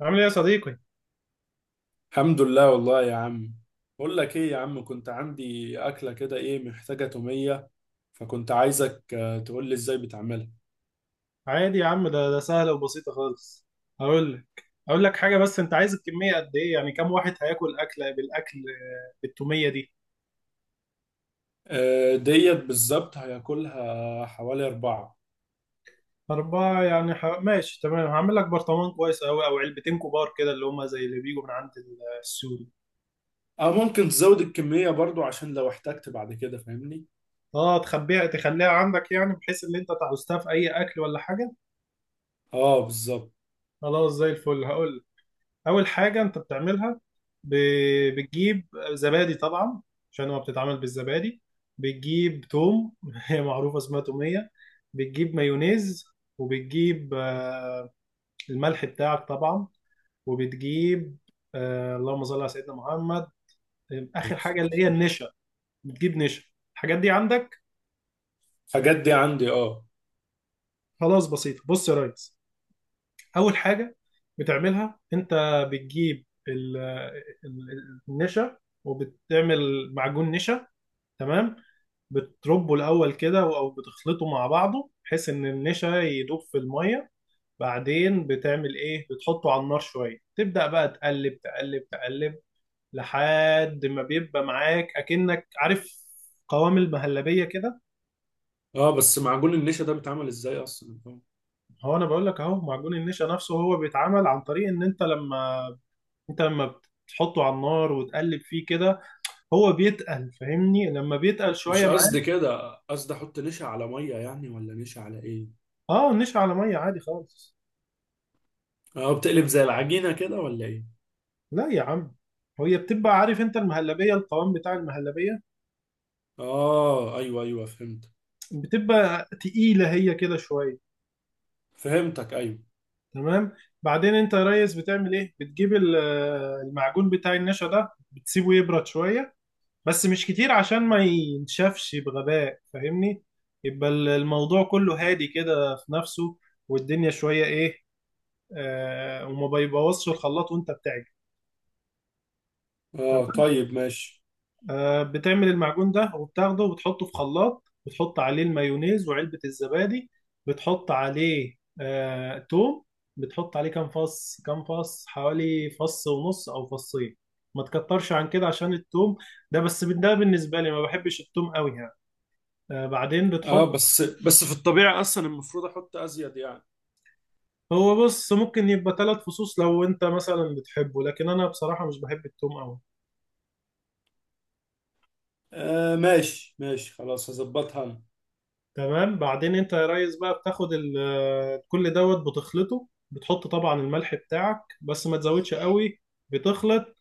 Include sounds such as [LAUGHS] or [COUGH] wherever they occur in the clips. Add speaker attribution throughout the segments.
Speaker 1: عامل ايه يا صديقي؟
Speaker 2: الحمد لله والله يا عم. بقول لك ايه يا عم، كنت عندي اكله كده ايه محتاجه توميه. فكنت عايزك تقول لي ازاي بتعملها.
Speaker 1: عادي يا عم ده سهلة وبسيطة خالص. هقول لك حاجة، بس أنت عايز الكمية قد إيه؟ يعني كم واحد هياكل أكلة بالأكل، بالتومية دي؟
Speaker 2: ديت بالظبط هياكلها حوالي اربعه.
Speaker 1: أربعة يعني ماشي، تمام. هعمل لك برطمان كويس أوي أو علبتين كبار كده، اللي هما زي اللي بيجوا من عند السوري.
Speaker 2: اه، ممكن تزود الكميه برضو عشان لو احتجت بعد كده فاهمني.
Speaker 1: أه، تخبيها تخليها عندك، يعني بحيث إن أنت تعوزتها في أي أكل ولا حاجة؟
Speaker 2: اه بالظبط.
Speaker 1: خلاص، زي الفل. هقول اول حاجه انت بتعملها، بتجيب زبادي طبعا، عشان هو بتتعمل بالزبادي. بتجيب توم [LAUGHS] هي معروفه اسمها توميه. بتجيب مايونيز، وبتجيب الملح بتاعك طبعا، وبتجيب اللهم صل على سيدنا محمد، اخر حاجه اللي هي النشا. بتجيب نشا. الحاجات دي عندك؟
Speaker 2: الحاجات دي عندي اه.
Speaker 1: خلاص، بسيطه. بص يا ريس، اول حاجه بتعملها انت، بتجيب النشا وبتعمل معجون نشا. تمام. بتربه الاول كده او بتخلطه مع بعضه بحيث ان النشا يدوب في الميه. بعدين بتعمل ايه، بتحطه على النار شويه، تبدا بقى تقلب تقلب، لحد ما بيبقى معاك، اكنك عارف، قوام المهلبيه كده.
Speaker 2: اه، بس معجون النشا ده بيتعمل ازاي اصلا
Speaker 1: هو انا بقول لك، اهو معجون النشا نفسه هو بيتعمل عن طريق ان انت لما، انت لما بتحطه على النار وتقلب فيه كده، هو بيتقل، فاهمني، لما بيتقل
Speaker 2: مش
Speaker 1: شويه
Speaker 2: قصدي
Speaker 1: معاك.
Speaker 2: كده، قصدي احط نشا على ميه يعني ولا نشا على ايه.
Speaker 1: اه، النشا على ميه عادي خالص.
Speaker 2: اه بتقلب زي العجينه كده ولا ايه.
Speaker 1: لا يا عم، هي بتبقى، عارف انت المهلبية، القوام بتاع المهلبية
Speaker 2: اه ايوه ايوه فهمت.
Speaker 1: بتبقى تقيلة هي كده شوية.
Speaker 2: فهمتك ايوه.
Speaker 1: تمام. بعدين انت يا ريس بتعمل ايه، بتجيب المعجون بتاع النشا ده بتسيبه يبرد شوية، بس مش كتير عشان ما ينشفش بغباء، فاهمني. يبقى الموضوع كله هادي كده في نفسه، والدنيا شوية ايه، آه، وما بيبوظش الخلاط وانت بتعجن.
Speaker 2: اه طيب ماشي.
Speaker 1: بتعمل المعجون ده وبتاخده وبتحطه في خلاط، بتحط عليه المايونيز وعلبة الزبادي، بتحط عليه توم. بتحط عليه كام فص، حوالي فص ونص او فصين، ما تكترش عن كده عشان التوم ده، بس ده بالنسبة لي، ما بحبش التوم قوي يعني. بعدين بتحط،
Speaker 2: اه، بس في الطبيعة اصلا المفروض احط ازيد يعني.
Speaker 1: هو بص ممكن يبقى ثلاث فصوص لو انت مثلا بتحبه، لكن انا بصراحة مش بحب التوم قوي.
Speaker 2: آه ماشي ماشي، خلاص هظبطها انا.
Speaker 1: تمام. بعدين انت يا ريس بقى بتاخد كل دوت بتخلطه، بتحط طبعا الملح بتاعك بس ما تزودش قوي، بتخلط،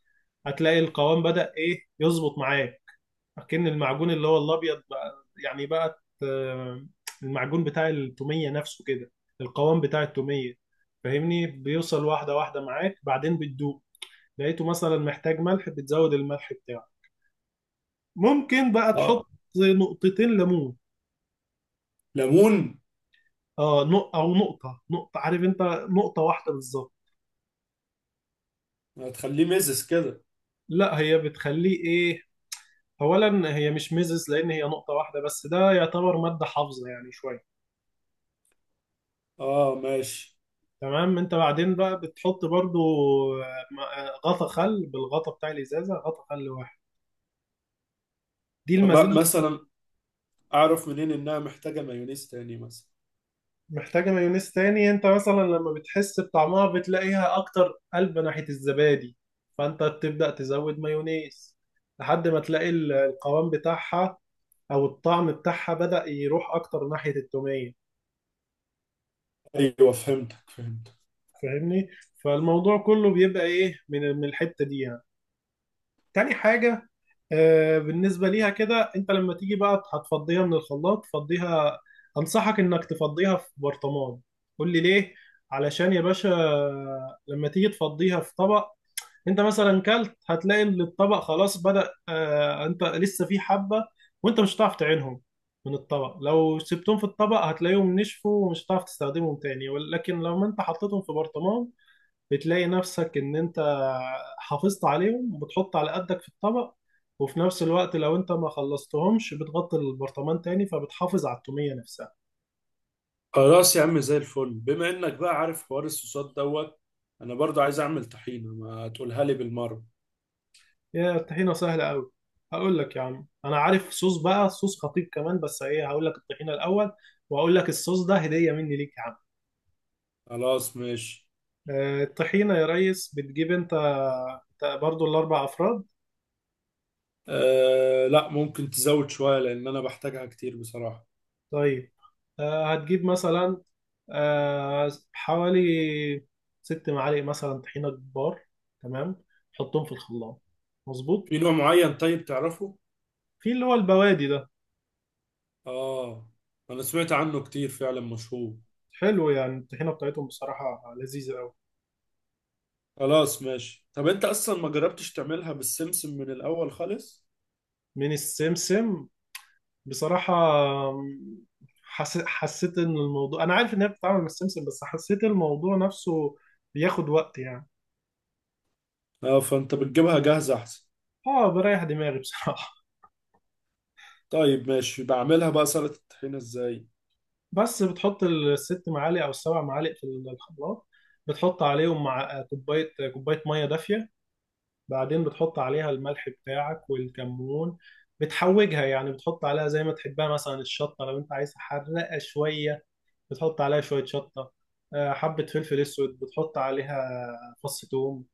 Speaker 1: هتلاقي القوام بدأ ايه يظبط معاك، اكن المعجون اللي هو الابيض بقى، يعني بقى المعجون بتاع التومية نفسه كده، القوام بتاع التومية، فاهمني، بيوصل واحدة واحدة معاك. بعدين بتدوق، لقيته مثلا محتاج ملح بتزود الملح بتاعه، ممكن بقى تحط
Speaker 2: اه
Speaker 1: نقطتين ليمون.
Speaker 2: ليمون.
Speaker 1: اه، او نقطة، عارف انت، نقطة واحدة بالظبط.
Speaker 2: هتخليه مزز كده.
Speaker 1: لا، هي بتخليه ايه، اولا هي مش ميزز لان هي نقطة واحدة بس، ده يعتبر مادة حافظة يعني شوية.
Speaker 2: اه ماشي.
Speaker 1: تمام. انت بعدين بقى بتحط برضو غطا خل، بالغطا بتاع الازازة، غطا خل واحد. دي
Speaker 2: طب
Speaker 1: المزازة.
Speaker 2: مثلا اعرف منين انها محتاجة مايونيز تاني مثلا.
Speaker 1: محتاجة مايونيز تاني، انت مثلا لما بتحس بطعمها بتلاقيها اكتر قلب ناحية الزبادي، فانت بتبدأ تزود مايونيز لحد ما تلاقي القوام بتاعها او الطعم بتاعها بدأ يروح اكتر ناحية التومية.
Speaker 2: ايوه فهمتك فهمتك.
Speaker 1: فاهمني، فالموضوع كله بيبقى ايه من الحتة دي يعني. تاني حاجة، آه، بالنسبة ليها كده انت لما تيجي بقى هتفضيها من الخلاط، فضيها، انصحك انك تفضيها في برطمان. قول لي ليه؟ علشان يا باشا لما تيجي تفضيها في طبق، انت مثلا كلت، هتلاقي ان الطبق خلاص بدأ، آه، انت لسه في حبة وانت مش هتعرف تعينهم من الطبق، لو سبتهم في الطبق هتلاقيهم نشفوا ومش هتعرف تستخدمهم تاني، ولكن لو انت حطيتهم في برطمان بتلاقي نفسك ان انت حافظت عليهم، وبتحط على قدك في الطبق، وفي نفس الوقت لو انت ما خلصتهمش بتغطي البرطمان تاني فبتحافظ على التومية نفسها.
Speaker 2: خلاص يا عم زي الفل، بما انك بقى عارف حوار الصوصات دوت، انا برضو عايز اعمل طحينة، ما تقولها لي بالمرة.
Speaker 1: يا الطحينة سهلة أوي، هقول لك يا عم. أنا عارف صوص بقى، صوص خطير كمان، بس إيه، هقول لك الطحينة الأول، وهقول لك الصوص ده هدية مني ليك يا عم.
Speaker 2: خلاص ماشي.
Speaker 1: الطحينة يا ريس، بتجيب أنت برضو الأربع أفراد.
Speaker 2: أه لا، ممكن تزود شوية لأن أنا بحتاجها كتير بصراحة.
Speaker 1: طيب، هتجيب مثلا حوالي ست معالق مثلا طحينة كبار. تمام. تحطهم في الخلاط. مظبوط.
Speaker 2: في نوع معين طيب تعرفه؟
Speaker 1: في اللي هو البوادي ده.
Speaker 2: آه. أنا سمعت عنه كتير فعلا، مشهور.
Speaker 1: حلو، يعني الطحينة بتاعتهم بصراحة لذيذة أوي.
Speaker 2: خلاص ماشي. طب أنت أصلا ما جربتش تعملها بالسمسم من الأول خالص؟
Speaker 1: من السمسم، بصراحة أم، حسيت إن الموضوع، أنا عارف إن هي بتتعامل مع السمسم، بس حسيت الموضوع نفسه بياخد وقت يعني.
Speaker 2: آه فأنت بتجيبها جاهزة أحسن.
Speaker 1: آه، بريح دماغي بصراحة. [LAUGHS]
Speaker 2: طيب ماشي، بعملها بقى سلطة الطحينة إزاي؟
Speaker 1: بس بتحط الست معالق أو السبع معالق في الخلاط، بتحط عليهم مع كوباية مية دافية. بعدين بتحط عليها الملح بتاعك والكمون، بتحوجها يعني، بتحط عليها زي ما تحبها. مثلا الشطة لو أنت عايز حرقة شوية، بتحط عليها شوية شطة، حبة فلفل أسود بتحط عليها، فص ثوم،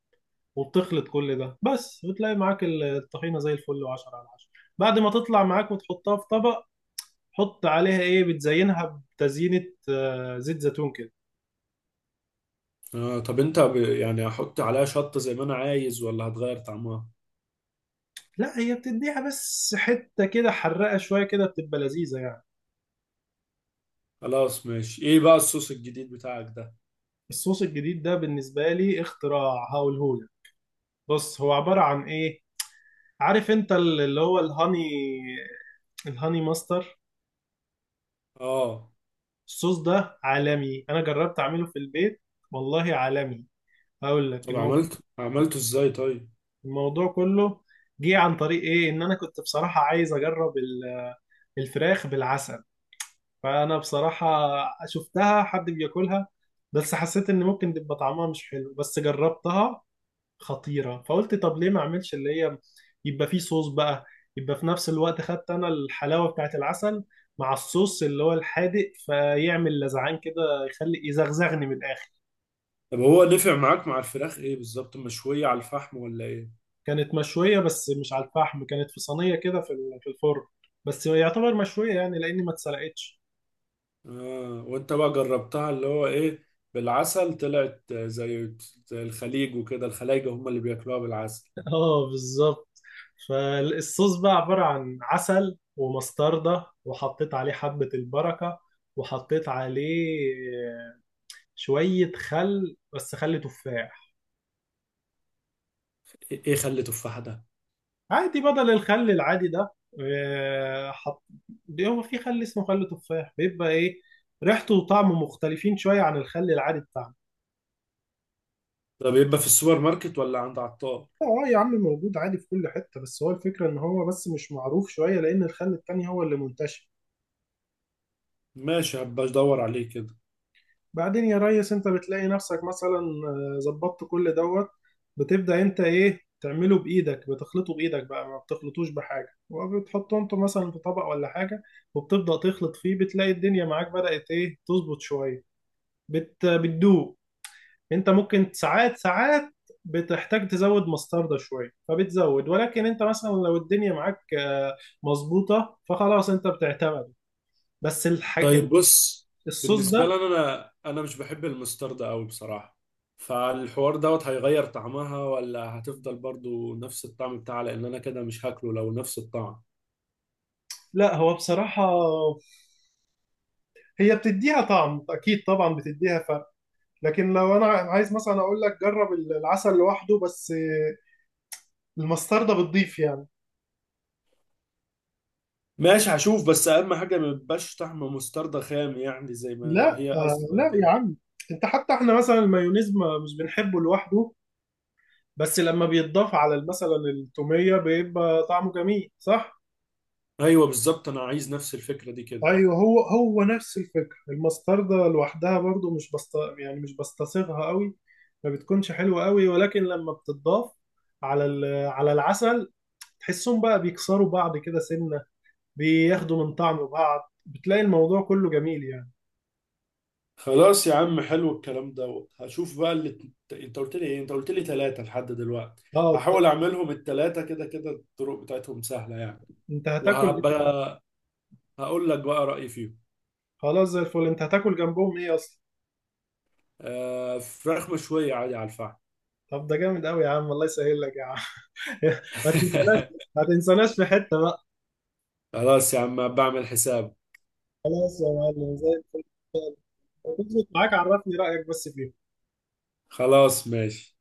Speaker 1: وبتخلط كل ده بس وتلاقي معاك الطحينة زي الفل، وعشرة على عشرة. بعد ما تطلع معاك وتحطها في طبق، حط عليها ايه، بتزينها بتزيينة، زيت زيتون كده.
Speaker 2: آه طب أنت يعني هحط عليها شطة زي ما أنا عايز ولا هتغير طعمها؟
Speaker 1: لا، هي بتديها بس حتة كده حرقة شوية، كده بتبقى لذيذة يعني.
Speaker 2: خلاص ماشي. إيه بقى الصوص الجديد بتاعك ده؟
Speaker 1: الصوص الجديد ده بالنسبة لي اختراع، هقولهولك. بص، هو عبارة عن ايه، عارف انت اللي هو الهاني، الهاني ماستر؟
Speaker 2: آه
Speaker 1: الصوص ده عالمي، انا جربت اعمله في البيت، والله عالمي. هقول لك،
Speaker 2: طب عملته؟ عملته إزاي طيب؟
Speaker 1: الموضوع كله جه عن طريق ايه، ان انا كنت بصراحة عايز اجرب الفراخ بالعسل. فانا بصراحة شفتها حد بياكلها، بس حسيت ان ممكن تبقى طعمها مش حلو، بس جربتها، خطيرة. فقلت طب ليه ما اعملش اللي هي، يبقى فيه صوص بقى، يبقى في نفس الوقت خدت انا الحلاوة بتاعت العسل مع الصوص اللي هو الحادق، فيعمل لزعان كده يخلي يزغزغني من الاخر.
Speaker 2: طب هو نفع معاك مع الفراخ ايه بالظبط، مشوية على الفحم ولا ايه.
Speaker 1: كانت مشوية بس مش على الفحم، كانت في صينية كده في في الفرن، بس يعتبر مشوية يعني لأني ما اتسلقتش.
Speaker 2: اه وانت بقى جربتها اللي هو ايه، بالعسل طلعت زي الخليج، وكده الخلايجة هم اللي بياكلوها بالعسل.
Speaker 1: [LAUGHS] اه، بالظبط. فالصوص بقى عبارة عن عسل ومستردة، وحطيت عليه حبة البركة، وحطيت عليه شوية خل، بس خل تفاح.
Speaker 2: ايه إيه، خلي تفاح ده؟
Speaker 1: عادي بدل الخل العادي ده، حط، هو في خل اسمه خل تفاح بيبقى ايه، ريحته وطعمه مختلفين شوية عن الخل العادي بتاعنا.
Speaker 2: طب يبقى في السوبر ماركت ولا عند عطار؟
Speaker 1: اه يا عم، موجود عادي في كل حتة، بس هو الفكرة ان هو بس مش معروف شوية لان الخل التاني هو اللي منتشر.
Speaker 2: ماشي هبقى ادور عليه كده.
Speaker 1: بعدين يا ريس انت بتلاقي نفسك مثلا ظبطت كل دوت، بتبدأ انت ايه، تعمله بايدك، بتخلطه بايدك بقى ما بتخلطوش بحاجة، وبتحطه انت مثلا في طبق ولا حاجة، وبتبدأ تخلط فيه، بتلاقي الدنيا معاك بدأت ايه تظبط شوية، بتدوب. انت ممكن ساعات، بتحتاج تزود مستردة شوية فبتزود، ولكن انت مثلا لو الدنيا معاك مظبوطة فخلاص انت بتعتمد. بس
Speaker 2: طيب بص،
Speaker 1: الصوص
Speaker 2: بالنسبة
Speaker 1: ده،
Speaker 2: لي انا مش بحب المسترد قوي بصراحة، فالحوار دوت هيغير طعمها ولا هتفضل برضو نفس الطعم بتاعها؟ لان انا كده مش هاكله لو نفس الطعم.
Speaker 1: لا هو بصراحة هي بتديها طعم اكيد طبعا، بتديها فرق، لكن لو انا عايز مثلا اقول لك جرب العسل لوحده بس، المستردة بتضيف يعني.
Speaker 2: ماشي هشوف، بس اهم حاجه ما يبقاش طعم مستردة خام يعني زي
Speaker 1: لا،
Speaker 2: ما هي اصلا
Speaker 1: لا يا
Speaker 2: كده.
Speaker 1: عم، انت حتى احنا مثلا المايونيز ما مش بنحبه لوحده، بس لما بيتضاف على مثلا التومية بيبقى طعمه جميل، صح؟
Speaker 2: ايوه بالظبط، انا عايز نفس الفكره دي كده.
Speaker 1: ايوه، هو نفس الفكره، المستردة لوحدها برضو مش بست، يعني مش بستصيغها قوي، ما بتكونش حلوه قوي، ولكن لما بتضاف على على العسل، تحسهم بقى بيكسروا بعض كده سنه، بياخدوا من طعم بعض، بتلاقي الموضوع كله جميل يعني.
Speaker 2: خلاص يا عم، حلو الكلام دوت. هشوف بقى اللي انت قلت لي ايه، انت قلت لي ثلاثه لحد دلوقتي.
Speaker 1: اه،
Speaker 2: هحاول اعملهم الثلاثه، كده كده الطرق بتاعتهم سهله يعني.
Speaker 1: انت هتاكل ايه؟
Speaker 2: وهبقى هقول لك بقى رايي فيهم.
Speaker 1: خلاص زي الفل، انت هتاكل جنبهم ايه اصلا؟
Speaker 2: آه فراخ مشويه عادي على الفحم.
Speaker 1: طب ده جامد قوي يا عم، الله يسهل لك يا عم. [LAUGHS] ما تنساناش،
Speaker 2: [LAUGHS]
Speaker 1: في حته بقى.
Speaker 2: خلاص يا عم بعمل حساب.
Speaker 1: خلاص يا معلم، زي الفل. لو تظبط معاك عرفني رأيك بس فيهم.
Speaker 2: خلاص ماشي.